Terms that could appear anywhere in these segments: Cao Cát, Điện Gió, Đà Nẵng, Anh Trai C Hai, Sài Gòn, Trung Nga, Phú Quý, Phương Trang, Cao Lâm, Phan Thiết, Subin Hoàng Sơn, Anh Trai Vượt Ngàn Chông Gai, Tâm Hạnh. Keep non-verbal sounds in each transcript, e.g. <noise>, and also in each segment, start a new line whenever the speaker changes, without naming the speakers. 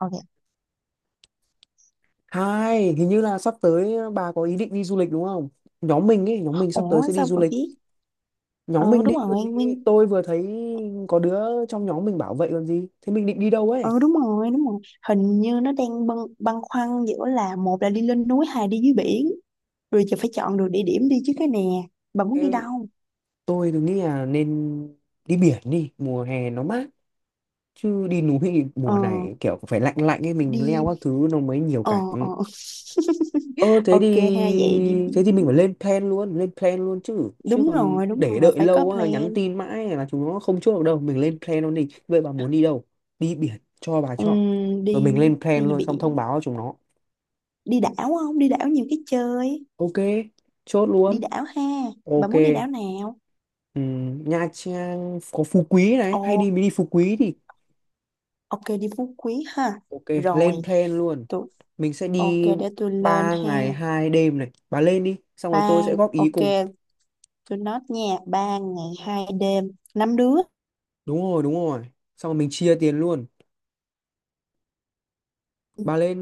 Ok.
Hai, hình như là sắp tới bà có ý định đi du lịch đúng không? Nhóm mình ấy, nhóm mình sắp tới
Ủa
sẽ đi
sao
du
bà
lịch.
biết?
Nhóm
Ừ
mình đi
đúng
còn
rồi,
gì?
Nguyên.
Tôi vừa thấy có đứa trong nhóm mình bảo vậy còn gì. Thế mình định đi đâu ấy?
Ờ đúng rồi, đúng rồi. Hình như nó đang băn khoăn giữa là một là đi lên núi, hai đi dưới biển. Rồi giờ phải chọn được địa điểm đi chứ cái nè. Bà muốn
Ê,
đi đâu?
tôi thì nghĩ là nên đi biển đi, mùa hè nó mát. Chứ đi núi thì
Ờ,
mùa này kiểu phải lạnh lạnh ấy, mình
đi...
leo các thứ nó mới nhiều
Ờ, ờ.
cảnh. Ờ thế thì
Ok ha, vậy đi
thế thì mình phải
biển.
lên plan luôn chứ. Chứ còn
Đúng
để
rồi,
đợi
phải
lâu
có
quá nhắn
plan.
tin mãi là chúng nó không chốt được đâu. Mình lên plan luôn đi. Vậy bà muốn đi đâu? Đi biển cho bà chọn. Rồi
Đi
mình lên plan
đi
luôn xong
biển.
thông báo cho chúng nó.
Đi đảo không? Đi đảo nhiều cái chơi.
Ok, chốt
Đi
luôn.
đảo ha. Bà
Ok.
muốn đi đảo nào?
Nha Trang có Phú Quý này,
Ồ,
hay đi mình đi Phú Quý thì
ok đi Phú Quý ha.
ok,
Rồi.
lên plan luôn.
tụi
Mình sẽ
Ok
đi
để tôi lên
3
ha.
ngày 2 đêm này. Bà lên đi, xong rồi tôi sẽ góp ý
Ok,
cùng.
tôi nói nha. 3 ngày 2 đêm, 5 đứa.
Đúng rồi, đúng rồi. Xong rồi mình chia tiền luôn. Bà lên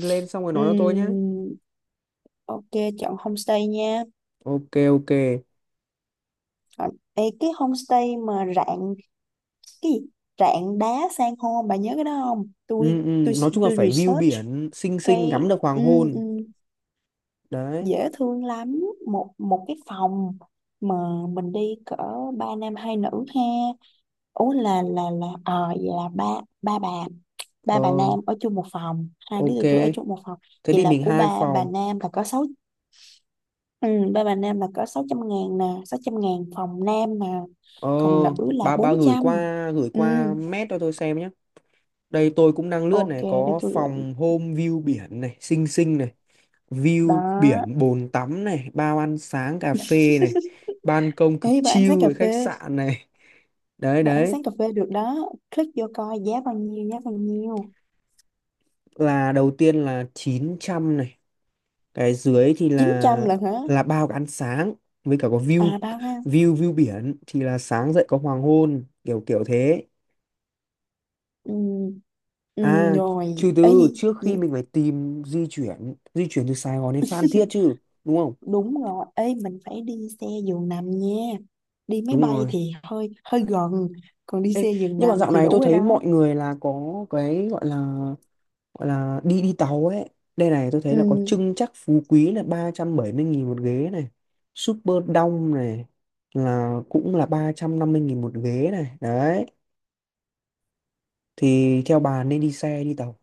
lên xong rồi nói cho tôi nhé.
Ừm, ok, chọn homestay nha.
Ok, ok.
Còn, ê, cái homestay mà rạn cái gì? Rạn đá san hô, bà nhớ cái đó không?
Ừ, ừ,
Tôi
nói chung là
tôi
phải view
research
biển xinh xinh
cái
ngắm được hoàng
ừm,
hôn
ừm,
đấy.
dễ thương lắm, một một cái phòng mà mình đi cỡ 3 nam 2 nữ ha. Ủa là ờ vậy là ba ba bà ba bà
Ờ
Nam ở chung một phòng, 2 đứa
ok,
tụi tôi ở chung một phòng.
thế
Vậy
thì
là
mình
của
hai
3 bà
phòng.
Nam là có sáu, ừ, 3 bà Nam là có 600.000 nè, 600.000 phòng Nam mà,
Ờ,
còn nữ là
bà
bốn
bà gửi
trăm
qua
Ừ,
mét cho tôi xem nhé. Đây tôi cũng đang lướt
ok
này,
để
có
tôi gửi.
phòng home view biển này, xinh xinh này, view
Đó,
biển, bồn tắm này, bao ăn sáng cà phê này, ban công cực
ý bà ăn sáng
chill
cà
với khách
phê,
sạn này. Đấy
bà ăn
đấy,
sáng cà phê được đó. Click vô coi giá bao nhiêu, giá bao nhiêu?
là đầu tiên là 900 này, cái dưới thì
chín trăm là hả?
là bao cái ăn sáng với cả có view.
À ba ba
View biển thì là sáng dậy có hoàng hôn kiểu kiểu thế.
ừ, ừ,
À,
rồi.
trừ
Ấy
từ
gì
trước khi
gì?
mình phải tìm di chuyển từ Sài Gòn đến Phan
<laughs>
Thiết chứ, đúng không?
Đúng rồi, ê mình phải đi xe giường nằm nha. Đi máy
Đúng
bay
rồi.
thì hơi hơi gần, còn đi
Ê,
xe giường
nhưng mà
nằm
dạo
thì
này tôi
đủ rồi
thấy
đó.
mọi người là có cái gọi là đi đi tàu ấy. Đây này, tôi thấy là có
Ừ,
trưng chắc Phú Quý là 370 nghìn một ghế này, Super Đông này là cũng là 350 nghìn một ghế này đấy. Thì theo bà nên đi xe đi tàu?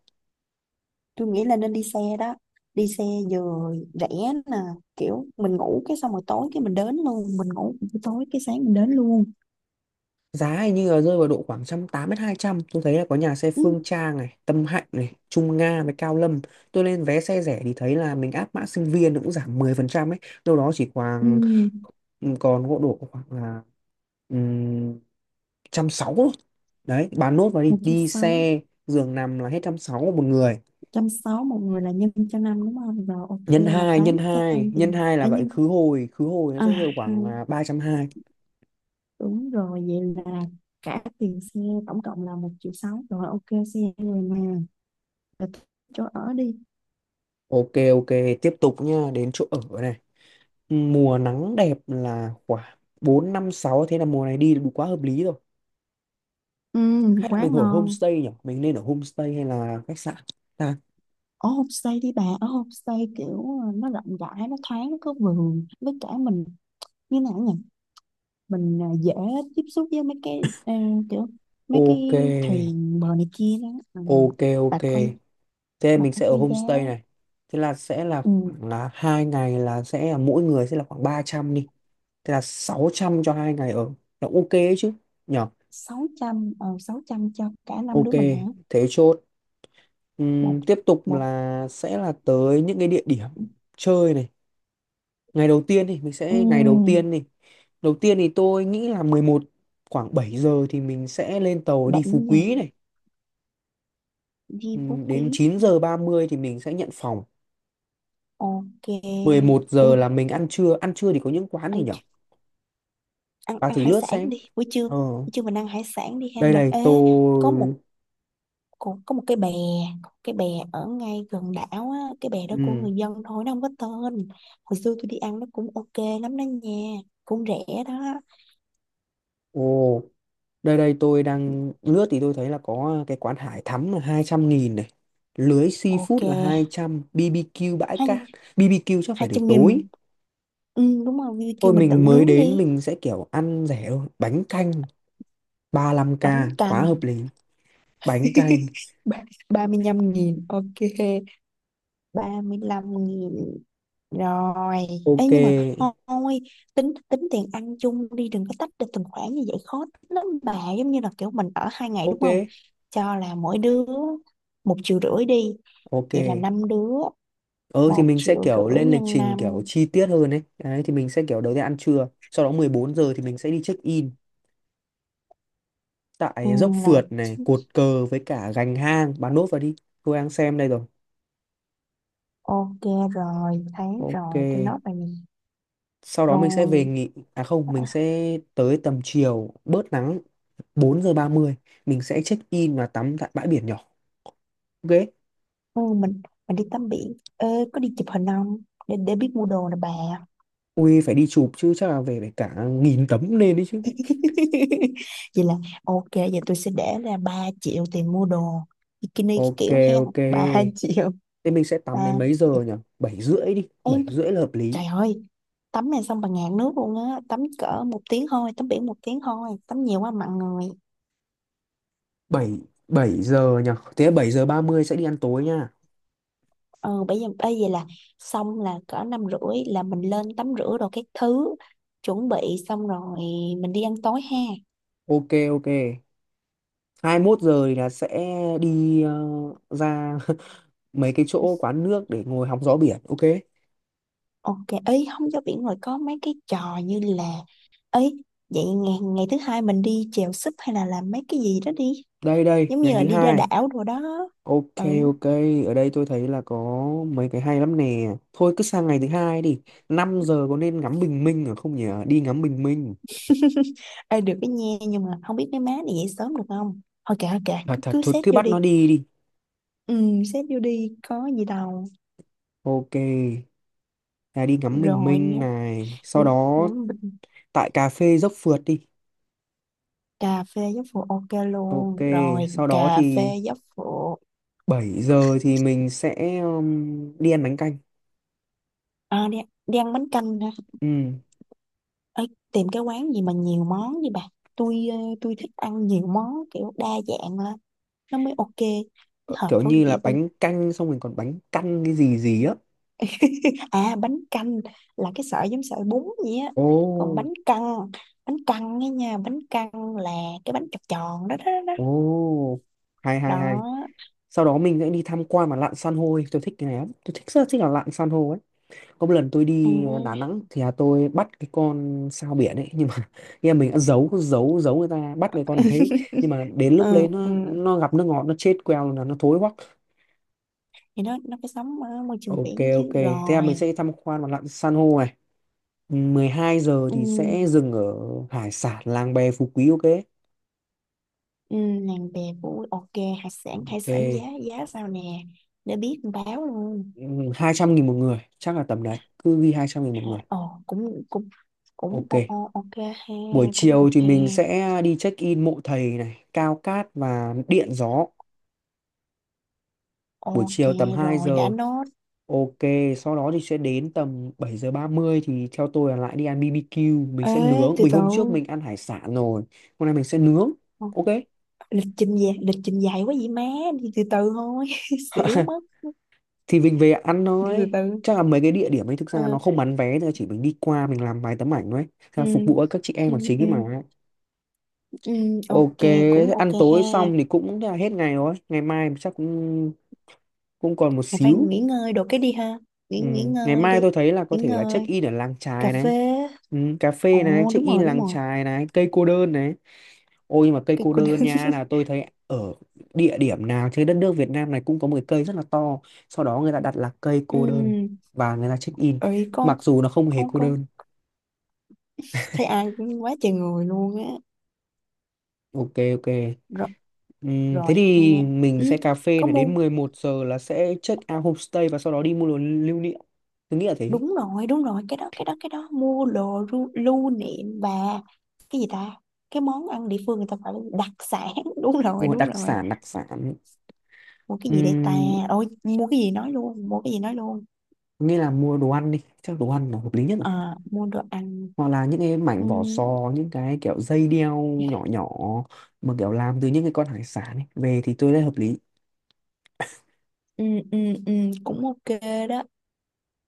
tôi nghĩ là nên đi xe đó. Đi xe vừa rẻ nè, kiểu mình ngủ cái, xong rồi tối cái mình đến luôn, mình ngủ buổi tối cái sáng mình đến luôn.
Giá hình như là rơi vào độ khoảng một trăm tám mươi đến hai trăm, tôi thấy là có nhà xe
Ừ,
Phương Trang này, Tâm Hạnh này, Trung Nga với Cao Lâm. Tôi lên vé xe rẻ thì thấy là mình áp mã sinh viên nó cũng giảm 10% ấy, đâu đó chỉ
ừ,
khoảng, ừ, còn gỗ độ khoảng là um, trăm sáu thôi. Đấy bà nốt vào đi,
một trăm
đi
sáu
xe giường nằm là hết trăm sáu một người,
một người là nhân cho 5 đúng không? Rồi
nhân
ok là
2
tám trăm tiền.
là
À,
vậy,
nhưng
khứ hồi, khứ hồi nó
à,
sẽ rơi khoảng là 320.
đúng rồi, vậy là cả tiền xe tổng cộng là 1,6 triệu rồi, ok xe rồi mà. Rồi thích Chỗ ở đi.
Ok ok, tiếp tục nha, đến chỗ ở này. Mùa nắng đẹp là khoảng 4 5 sáu, thế là mùa này đi là đủ, quá hợp lý rồi.
ừ,
Hay là
Quá
mình ở
ngon.
homestay nhỉ, mình nên ở homestay hay là khách sạn ta?
Ở homestay đi bà, ở homestay kiểu nó rộng rãi, nó thoáng, nó có vườn, với cả mình như nào nhỉ mình dễ tiếp xúc với mấy cái kiểu mấy cái
Ok
thuyền bờ này kia đó, ừ.
ok ok,
bà coi
thế
bà
mình
coi
sẽ ở
coi giá.
homestay này. Thế là sẽ là
ừ,
khoảng là hai ngày là sẽ là mỗi người sẽ là khoảng 300 đi, thế là 600 cho hai ngày ở, là ok ấy chứ nhỉ.
600, 600 cho cả năm
Ok,
đứa mình hả?
thế chốt.
Một
Tiếp tục
một
là sẽ là tới những cái địa điểm chơi này. Ngày đầu tiên thì mình sẽ, ngày
ừ,
đầu tiên thì tôi nghĩ là mười một, khoảng 7 giờ thì mình sẽ lên tàu đi
7
Phú
giờ
Quý này.
Di
Ừ,
Phú Quý,
đến 9 giờ 30 thì mình sẽ nhận phòng,
ok.
11 giờ
ui
là mình ăn trưa. Ăn trưa thì có những quán gì
ăn
nhở,
ăn
bà
Ăn
thử
hải
lướt
sản
xem.
đi, buổi trưa,
Ờ
buổi trưa mình ăn hải sản đi ha.
đây
Mình
đây
ế.
tôi
có một có, có một cái bè có một cái bè ở ngay gần đảo á, cái bè đó của
Ừ.
người dân thôi, nó không có tên. Hồi xưa tôi đi ăn nó cũng ok lắm đó nha, cũng rẻ đó.
Ồ, đây đây tôi đang lướt thì tôi thấy là có cái quán hải thắm là 200 nghìn này, lưới seafood
Ok.
là 200, BBQ bãi
hai
cát. BBQ chắc phải
hai
để
trăm
tối.
nghìn Đúng rồi, Vivi kêu
Thôi
mình tự
mình mới
nướng
đến
đi.
mình sẽ kiểu ăn rẻ thôi. Bánh canh ba lăm k,
Bánh
quá
căn
hợp lý. Bánh canh.
35.000 ok, 35.000. Rồi,
Ok.
ấy nhưng mà thôi, tính tính tiền ăn chung đi, đừng có tách được từng khoản như vậy khó tính lắm bà, giống như là kiểu mình ở 2 ngày đúng không?
Ok.
Cho là mỗi đứa 1,5 triệu đi,
Ok.
vậy là 5 đứa,
Ừ thì
một
mình sẽ
triệu
kiểu
rưỡi
lên lịch
nhân
trình kiểu
5.
chi tiết hơn ấy. Đấy thì mình sẽ kiểu đầu tiên ăn trưa. Sau đó 14 giờ thì mình sẽ đi check in
ừ,
tại dốc
là
phượt này, cột cờ với cả gành hang. Bạn nốt vào đi. Tôi đang xem đây rồi.
ok. Rồi, thấy
Ok.
rồi, tôi nói bà nè.
Sau đó mình sẽ về
Rồi,
nghỉ. À không, mình sẽ tới tầm chiều bớt nắng, 4 giờ 30 mình sẽ check in và tắm tại bãi biển nhỏ. Ok.
ừ, mình mình đi tắm biển. Ê, có đi chụp hình không? Để biết mua đồ nè bà.
Ui phải đi chụp chứ, chắc là về phải cả nghìn tấm lên đấy chứ.
<laughs> Vậy là ok, vậy tôi sẽ để ra 3 triệu tiền mua đồ bikini
Ok
kiểu hen.
ok.
Ba <laughs> triệu.
Thế mình sẽ tắm
3
đến mấy
triệu.
giờ nhỉ? Bảy rưỡi đi,
Em,
7 rưỡi là hợp lý.
trời ơi, tắm này xong bà ngạt nước luôn á, tắm cỡ 1 tiếng thôi, tắm biển 1 tiếng thôi, tắm nhiều quá mặn người.
Bảy Bảy giờ nhỉ. Thế 7 giờ 30 sẽ đi ăn tối nha.
Ừ bây giờ là xong là cỡ 5 rưỡi là mình lên tắm rửa đồ các thứ, chuẩn bị xong rồi mình đi ăn tối ha.
Ok ok. Hai mốt giờ thì là sẽ đi ra <laughs> mấy cái chỗ quán nước để ngồi hóng gió biển. Ok.
Ok, ấy không, cho biển rồi có mấy cái trò như là, ấy, vậy ngày ngày thứ hai mình đi chèo súp hay là làm mấy cái gì đó đi,
Đây đây,
giống
ngày
như là
thứ
đi ra
hai.
đảo đồ đó,
Ok
ừ.
ok, ở đây tôi thấy là có mấy cái hay lắm nè. Thôi cứ sang ngày thứ hai đi. Năm giờ có nên ngắm bình minh ở không nhỉ? Đi ngắm bình minh.
<laughs> Ê, được cái nha, nhưng mà không biết mấy má này dậy sớm được không. Thôi kệ, thôi kệ,
Thật
cứ
thật
cứ
thôi
xét
cứ
vô
bắt
đi.
nó đi đi.
Ừ, xét vô đi có gì đâu.
Ok, là đi ngắm bình
Rồi
minh
nhé.
này, sau
Ừ,
đó
ngắm bình
tại cà phê dốc phượt đi.
Cà phê giáo phụ ok
Ok,
luôn rồi,
sau đó
cà phê
thì
giáo phụ.
7 giờ thì mình sẽ đi ăn bánh canh.
à, đi, Đi ăn bánh canh.
Ừ.
Ê, tìm cái quán gì mà nhiều món đi bà. Tôi thích ăn nhiều món kiểu đa dạng lên nó mới ok.
Ờ,
Nó hợp
kiểu
khẩu
như là
vị tôi.
bánh canh xong mình còn bánh căn cái gì gì á.
<laughs> Bánh canh là cái sợi giống sợi bún vậy á. Còn
Ồ
bánh căn, bánh căn ấy nha, bánh căn là cái bánh tròn tròn đó, đó đó
ồ, hay hay hay.
đó.
Sau đó mình sẽ đi tham quan mà lặn san hô đi. Tôi thích cái này lắm, tôi thích rất là thích là lặn san hô ấy. Có một lần tôi
Ừ.
đi Đà Nẵng thì là tôi bắt cái con sao biển ấy, nhưng mà <laughs> em mình đã giấu giấu giấu người ta bắt cái con đấy,
<laughs>
nhưng mà đến lúc đấy
Ừ, ừ.
nó gặp nước ngọt nó chết queo là nó thối hoắc.
Thì nó phải sống ở môi trường
Ok
biển chứ,
ok, thế là
rồi.
mình sẽ tham quan và lặn san hô này. 12 giờ
ừ,
thì sẽ dừng ở hải sản làng bè Phú Quý. Ok
ừ, Nàng bè vũ, ok. Hải sản, giá,
ok.
sao nè, để biết báo luôn.
200 nghìn một người chắc là tầm đấy, cứ ghi 200 nghìn một
À,
người.
cũng, cũng
Ok,
ok ha.
buổi
Cũng
chiều
được
thì
ha,
mình sẽ đi check in mộ thầy này, Cao Cát và Điện Gió, buổi
ok.
chiều tầm 2
Rồi đã
giờ.
nốt.
Ok, sau đó thì sẽ đến tầm 7 giờ 30 thì theo tôi là lại đi ăn BBQ, mình
Ê,
sẽ nướng.
từ
Vì
từ.
hôm trước mình ăn hải sản rồi, hôm nay mình sẽ nướng.
Ờ,
Ok,
lịch trình dài, lịch trình dài quá vậy má, đi từ từ thôi. <laughs> Xỉu mất.
thì mình về ăn
Đi từ
thôi.
từ.
Chắc là mấy cái địa điểm ấy thực ra nó
Ừ
không bán vé, thôi, chỉ mình đi qua mình làm vài tấm ảnh thôi. Thế
ừ
là phục vụ các chị em
ừ
là chính
ừ,
ấy mà.
ừ,
Ok,
ok, cũng
thế
ok
ăn
ha.
tối xong thì cũng là hết ngày rồi. Ngày mai chắc cũng, cũng còn một
Mày phải
xíu.
nghỉ ngơi đồ cái đi ha, nghỉ
Ừ.
nghỉ
Ngày
ngơi
mai
đi,
tôi thấy là có
nghỉ
thể là check
ngơi.
in ở làng
Cà
chài này.
phê.
Ừ, cà phê này,
Ồ
check
đúng
in
rồi, đúng
làng
rồi.
chài này, cây cô đơn này. Ôi nhưng mà cây
Cái
cô
cô đơn.
đơn
<laughs>
nha, là tôi thấy ở địa điểm nào trên đất nước Việt Nam này cũng có một cái cây rất là to. Sau đó người ta đặt là cây cô đơn
Ừ.
và người ta check in.
Ơi con,
Mặc dù nó không hề cô
con
đơn.
thấy ai cũng quá trời người luôn á.
Ok ok. Thế
Rồi ha.
thì mình
Ừ,
sẽ cà phê
có
này
mua.
đến 11 giờ là sẽ check out homestay và sau đó đi mua đồ lưu niệm. Tôi nghĩ là thế.
Đúng rồi, đúng rồi, cái đó, mua đồ lưu niệm và cái gì ta? Cái món ăn địa phương người ta gọi là đặc sản. <laughs> Đúng rồi,
Mua
đúng
đặc
rồi.
sản đặc sản.
Mua cái gì đây ta?
Ừm,
Ôi mua cái gì nói luôn, mua cái gì nói luôn.
nghĩa là mua đồ ăn đi. Chắc đồ ăn là hợp lý nhất,
À, mua đồ ăn.
hoặc là những cái
ừ,
mảnh vỏ sò, những cái kiểu dây đeo nhỏ nhỏ mà kiểu làm từ những cái con hải sản ấy về thì tôi thấy hợp lý.
ừ, ừ, ừ, Cũng ok. Đó,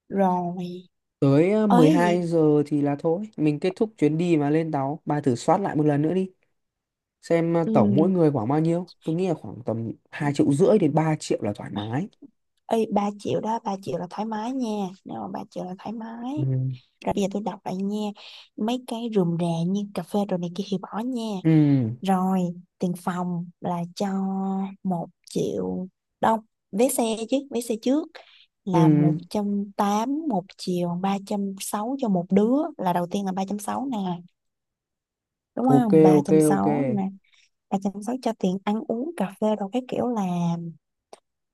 rồi.
Tới mười
Ơi
hai
gì?
giờ thì là thôi mình kết thúc chuyến đi mà lên tàu. Bà thử soát lại một lần nữa đi, xem
Ừ.
tổng mỗi người khoảng bao nhiêu. Tôi nghĩ là khoảng tầm hai triệu rưỡi đến ba triệu là thoải mái.
Ê, 3 triệu đó, 3 triệu là thoải mái nha, nếu mà 3 triệu là thoải
Ừ
mái. Rồi bây giờ tôi đọc lại nha. Mấy cái rườm rà như cà phê đồ này kia thì bỏ nha.
ừ
Rồi, tiền phòng là cho 1 triệu. Đâu, vé xe chứ. Vé xe trước
ừ,
là 180, 1,36 triệu cho một đứa. Là đầu tiên là 360 nè, đúng
ok
không, ba
ok
trăm
ok
sáu nè. 360 cho tiền ăn uống cà phê đồ cái, kiểu là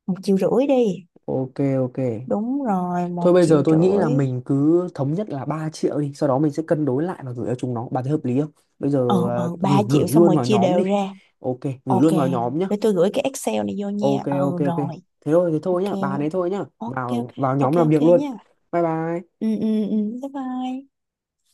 1,5 triệu đi.
ok ok.
Đúng rồi, một
Thôi bây giờ
triệu
tôi nghĩ là
rưỡi
mình cứ thống nhất là 3 triệu đi, sau đó mình sẽ cân đối lại và gửi cho chúng nó. Bà thấy hợp lý không? Bây giờ à,
Ờ Ba
gửi gửi
triệu, xong
luôn
rồi
vào
chia
nhóm
đều
đi.
ra.
Ok, gửi
Ok,
luôn vào nhóm nhá.
để tôi gửi cái Excel này vô nha.
Ok ok
Ừ
ok.
rồi.
Thế thôi
Ok.
nhá, bà đấy thôi nhá.
Ok ok.
Vào vào
Ok
nhóm làm
ok
việc luôn.
nha.
Bye bye.
Ừ ừ ừ. Bye bye.